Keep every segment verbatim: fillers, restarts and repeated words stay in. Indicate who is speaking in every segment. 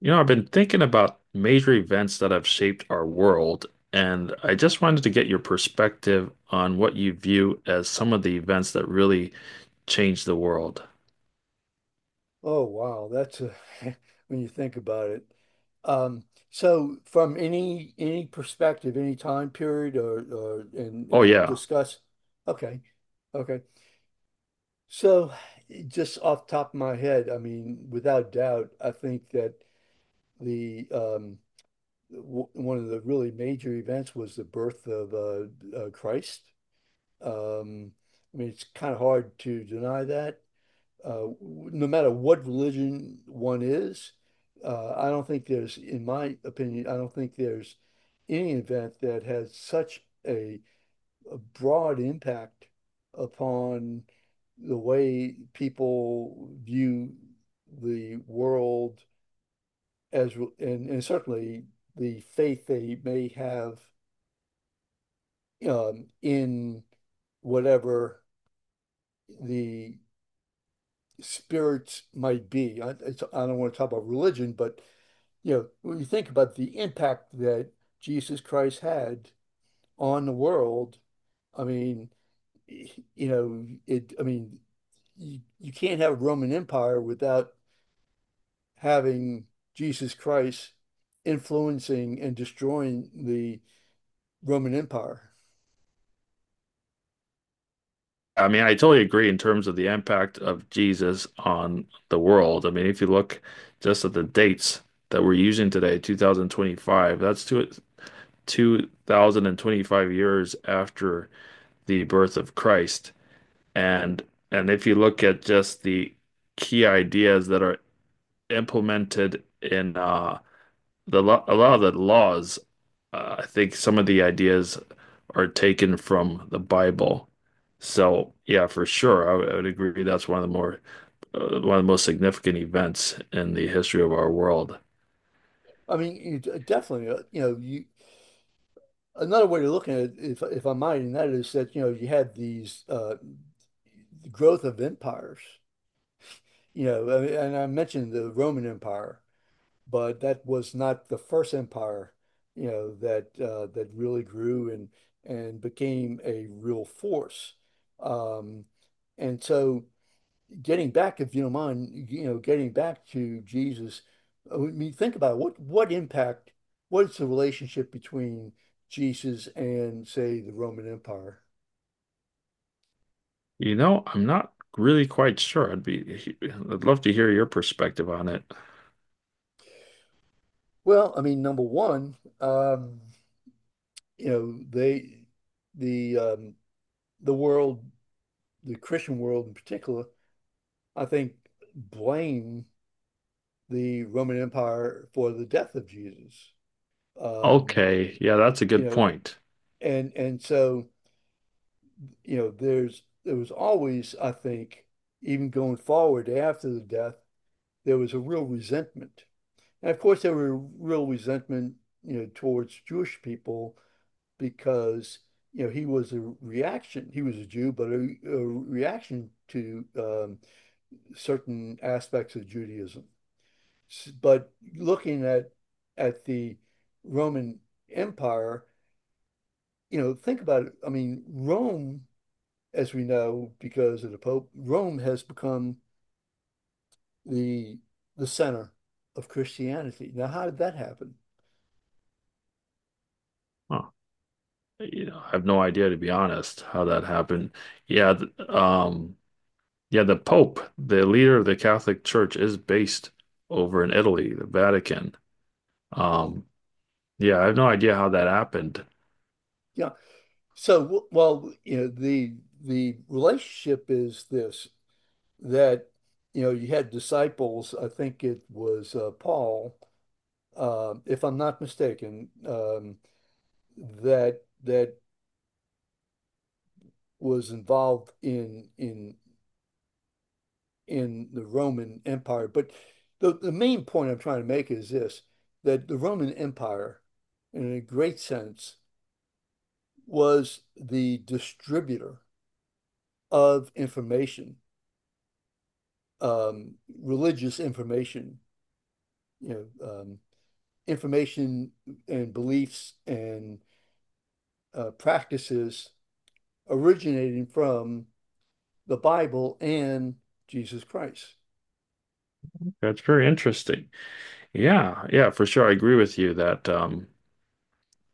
Speaker 1: You know, I've been thinking about major events that have shaped our world, and I just wanted to get your perspective on what you view as some of the events that really changed the world.
Speaker 2: Oh wow, that's a, when you think about it. Um, so from any any perspective, any time period or, or and
Speaker 1: Oh,
Speaker 2: and
Speaker 1: yeah.
Speaker 2: discuss okay. Okay. So just off the top of my head, I mean, without doubt, I think that the um w one of the really major events was the birth of uh, uh Christ. Um, I mean, it's kind of hard to deny that uh, no matter what religion one is, uh, I don't think there's, in my opinion, I don't think there's any event that has such a, a broad impact upon the way people view the world as, re- and, and certainly the faith they may have um, in whatever the spirits might be. I, it's, I don't want to talk about religion, but you know, when you think about the impact that Jesus Christ had on the world, I mean, you know, it, I mean, you, you can't have a Roman Empire without having Jesus Christ influencing and destroying the Roman Empire.
Speaker 1: I mean, I totally agree in terms of the impact of Jesus on the world. I mean, if you look just at the dates that we're using today, two thousand twenty-five, that's two, two thousand twenty-five years after the birth of Christ. And and if you look at just the key ideas that are implemented in uh, the lo a lot of the laws, uh, I think some of the ideas are taken from the Bible. So yeah, for sure, I would I would agree that's one of the more uh, one of the most significant events in the history of our world.
Speaker 2: I mean, you, d- definitely, uh, you know, you, another way to look at it, if, if I might, and that is that, you know, you had these uh, growth of empires. You know, and I mentioned the Roman Empire, but that was not the first empire, you know, that uh, that really grew and and became a real force. Um, and so, getting back, if you don't mind, you know, getting back to Jesus, I mean, think about it. What what impact? What's the relationship between Jesus and, say, the Roman Empire?
Speaker 1: You know, I'm not really quite sure. I'd be I'd love to hear your perspective on it.
Speaker 2: Well, I mean, number one, um, you know, they the um the world, the Christian world in particular, I think blame the Roman Empire for the death of Jesus. Um,
Speaker 1: Okay, yeah, that's a
Speaker 2: you
Speaker 1: good
Speaker 2: know,
Speaker 1: point.
Speaker 2: and and so, you know, there's there was always, I think, even going forward after the death, there was a real resentment. And of course there were real resentment, you know, towards Jewish people because you know he was a reaction. He was a Jew, but a, a reaction to um, certain aspects of Judaism. But looking at at the Roman Empire, you know, think about it. I mean, Rome, as we know, because of the Pope, Rome has become the the center of Christianity. Now, how did that happen?
Speaker 1: Huh. You know, I have no idea to be honest how that happened. Yeah, th um, yeah, the Pope, the leader of the Catholic Church, is based over in Italy, the Vatican. Um, yeah, I have no idea how that happened.
Speaker 2: Yeah. So, well, you know, the the relationship is this. That you know you had disciples. I think it was uh, Paul, uh, if I'm not mistaken, um, that that was involved in in in the Roman Empire. But the the main point I'm trying to make is this: that the Roman Empire, in a great sense, was the distributor of information, um, religious information. You know, um, information and beliefs and uh, practices originating from the Bible and Jesus Christ.
Speaker 1: That's very interesting. Yeah, yeah, for sure. I agree with you that um,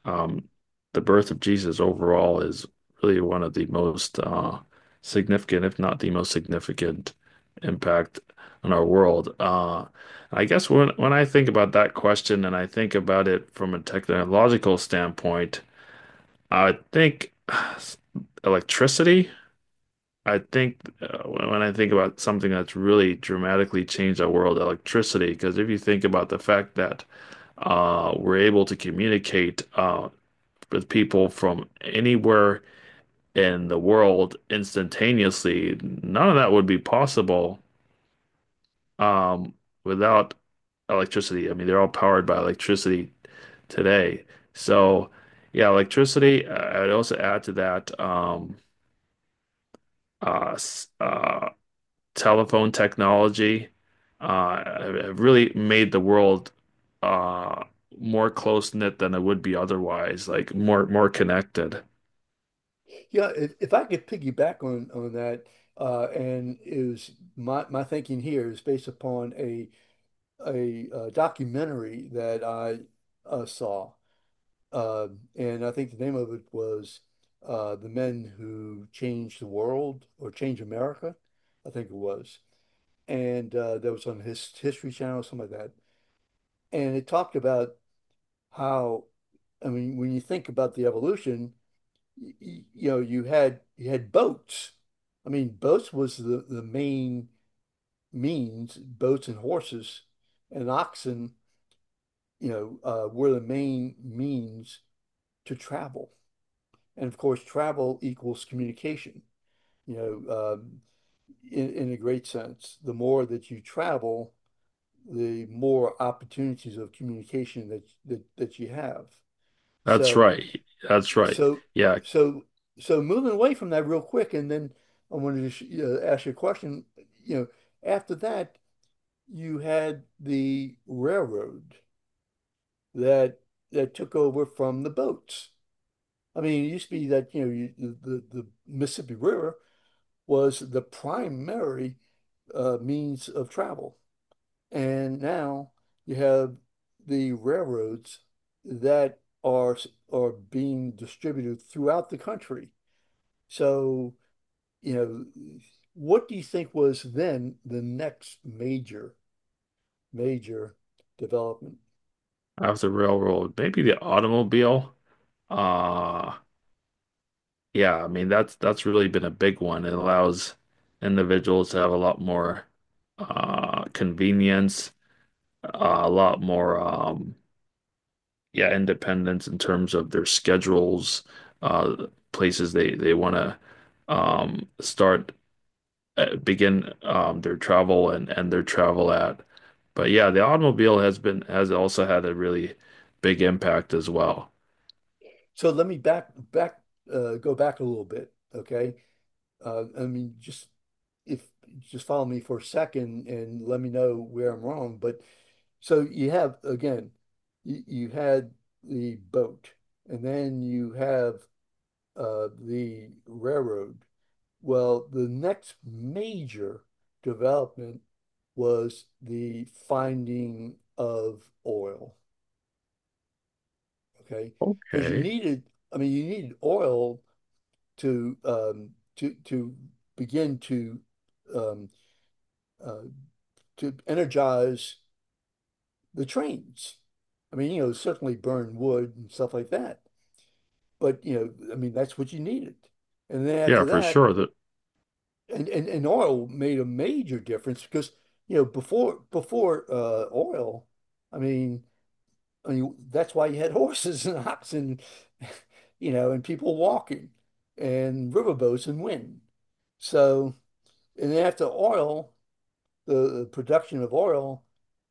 Speaker 1: um, the birth of Jesus overall is really one of the most uh, significant, if not the most significant, impact on our world. Uh, I guess when when I think about that question and I think about it from a technological standpoint, I think electricity. I think uh, when I think about something that's really dramatically changed our world, electricity, because if you think about the fact that uh, we're able to communicate uh, with people from anywhere in the world instantaneously, none of that would be possible um, without electricity. I mean, they're all powered by electricity today. So, yeah, electricity. uh, I'd also add to that um, uh, s- uh, telephone technology uh, have really made the world uh, more close knit than it would be otherwise, like more more connected.
Speaker 2: Yeah, if, if I could piggyback on on that, uh, and is my my thinking here is based upon a a, uh documentary that I uh, saw, uh, and I think the name of it was uh, "The Men Who Changed the World" or "Change America," I think it was, and uh, that was on his History Channel, something like that, and it talked about how I mean, when you think about the evolution, y y- you know, you had you had boats. I mean, boats was the the main means. Boats and horses and oxen, you know, uh, were the main means to travel. And of course, travel equals communication. You know, um, in in a great sense, the more that you travel, the more opportunities of communication that that that you have.
Speaker 1: That's
Speaker 2: So.
Speaker 1: right. That's right.
Speaker 2: So,
Speaker 1: Yeah,
Speaker 2: so, so moving away from that real quick, and then I wanted to sh uh, ask you a question. You know, after that, you had the railroad that that took over from the boats. I mean, it used to be that you know you, the the Mississippi River was the primary uh, means of travel, and now you have the railroads that are are being distributed throughout the country. So you know, what do you think was then the next major, major development?
Speaker 1: after railroad, maybe the automobile. Uh, yeah, I mean that's that's really been a big one. It allows individuals to have a lot more uh, convenience, uh, a lot more um, yeah, independence in terms of their schedules, uh, places they they want to um, start uh, begin um, their travel and end their travel at. But yeah, the automobile has been has also had a really big impact as well.
Speaker 2: So let me back, back, uh, go back a little bit. Okay. Uh, I mean, just if just follow me for a second and let me know where I'm wrong. But so you have, again, you, you had the boat and then you have uh, the railroad. Well, the next major development was the finding of oil, okay? Because you
Speaker 1: Okay.
Speaker 2: needed, I mean, you needed oil to um, to to begin to um, uh, to energize the trains. I mean, you know, certainly burn wood and stuff like that, but you know, I mean, that's what you needed. And then
Speaker 1: Yeah,
Speaker 2: after
Speaker 1: for
Speaker 2: that,
Speaker 1: sure. The,
Speaker 2: and, and and oil made a major difference because you know before before uh oil, I mean I mean that's why you had horses and oxen, and, you know, and people walking and riverboats and wind. So and then after oil, the, the production of oil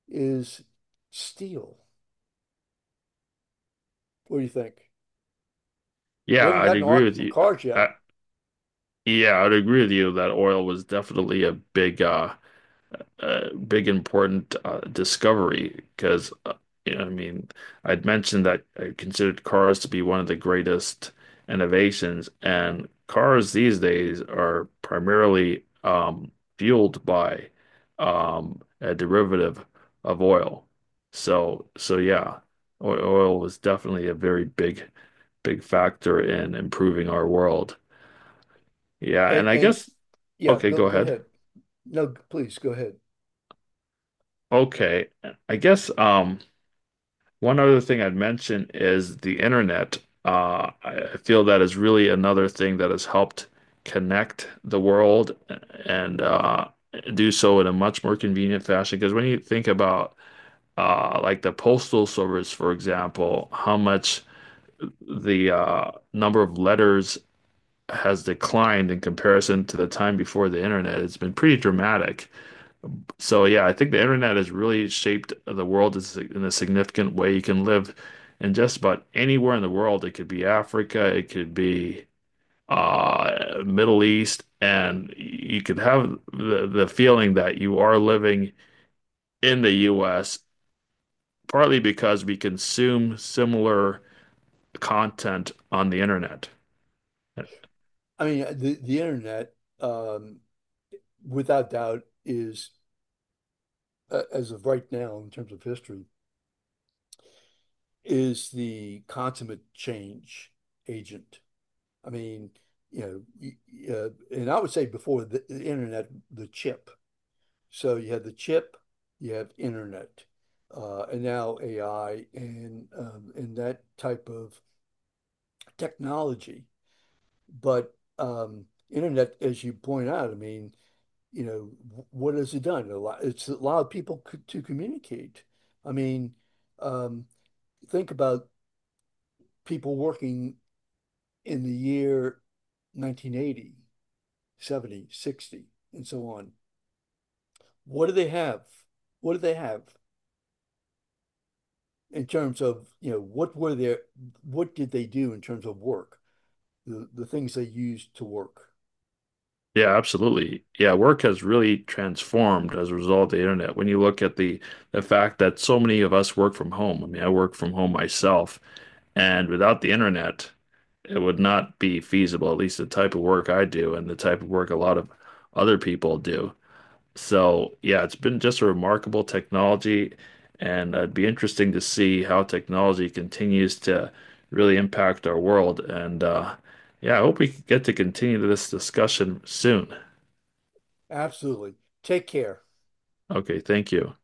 Speaker 2: is steel. What do you think? We
Speaker 1: yeah,
Speaker 2: haven't
Speaker 1: I'd
Speaker 2: gotten
Speaker 1: agree
Speaker 2: on
Speaker 1: with you.
Speaker 2: cars yet,
Speaker 1: I, yeah, I'd agree with you that oil was definitely a big uh uh, big important uh, discovery because uh, you know, I mean I'd mentioned that I considered cars to be one of the greatest innovations, and cars these days are primarily um, fueled by um, a derivative of oil. So so yeah, o- oil was definitely a very big big factor in improving our world. Yeah,
Speaker 2: and
Speaker 1: and I
Speaker 2: and
Speaker 1: guess
Speaker 2: yeah,
Speaker 1: okay,
Speaker 2: go
Speaker 1: go
Speaker 2: go
Speaker 1: ahead.
Speaker 2: ahead. No, please go ahead.
Speaker 1: Okay, I guess um one other thing I'd mention is the internet. Uh, I feel that is really another thing that has helped connect the world and uh, do so in a much more convenient fashion. Because when you think about uh, like the postal service, for example, how much the uh, number of letters has declined in comparison to the time before the internet, it's been pretty dramatic. So yeah, I think the internet has really shaped the world is- in a significant way. You can live in just about anywhere in the world. It could be Africa, it could be uh, Middle East, and you could have the, the feeling that you are living in the U S, partly because we consume similar content on the internet.
Speaker 2: I mean the the internet. Um, without doubt, is uh, as of right now, in terms of history, is the consummate change agent. I mean, you know, uh, and I would say before the, the internet, the chip. So you had the chip, you have internet, uh, and now A I and um, and that type of technology. But um, internet, as you point out, I mean, you know, what has it done? A lot, it's allowed people c to communicate. I mean, um, think about people working in the year nineteen eighty, seventy, sixty, and so on. What do they have? What do they have in terms of, you know, what were their, what did they do in terms of work? The, the things they used to work.
Speaker 1: Yeah, absolutely. Yeah, work has really transformed as a result of the internet. When you look at the the fact that so many of us work from home. I mean, I work from home myself, and without the internet, it would not be feasible, at least the type of work I do and the type of work a lot of other people do. So, yeah, it's been just a remarkable technology, and it'd be interesting to see how technology continues to really impact our world. And uh, yeah, I hope we get to continue this discussion soon.
Speaker 2: Absolutely. Take care.
Speaker 1: Okay, thank you.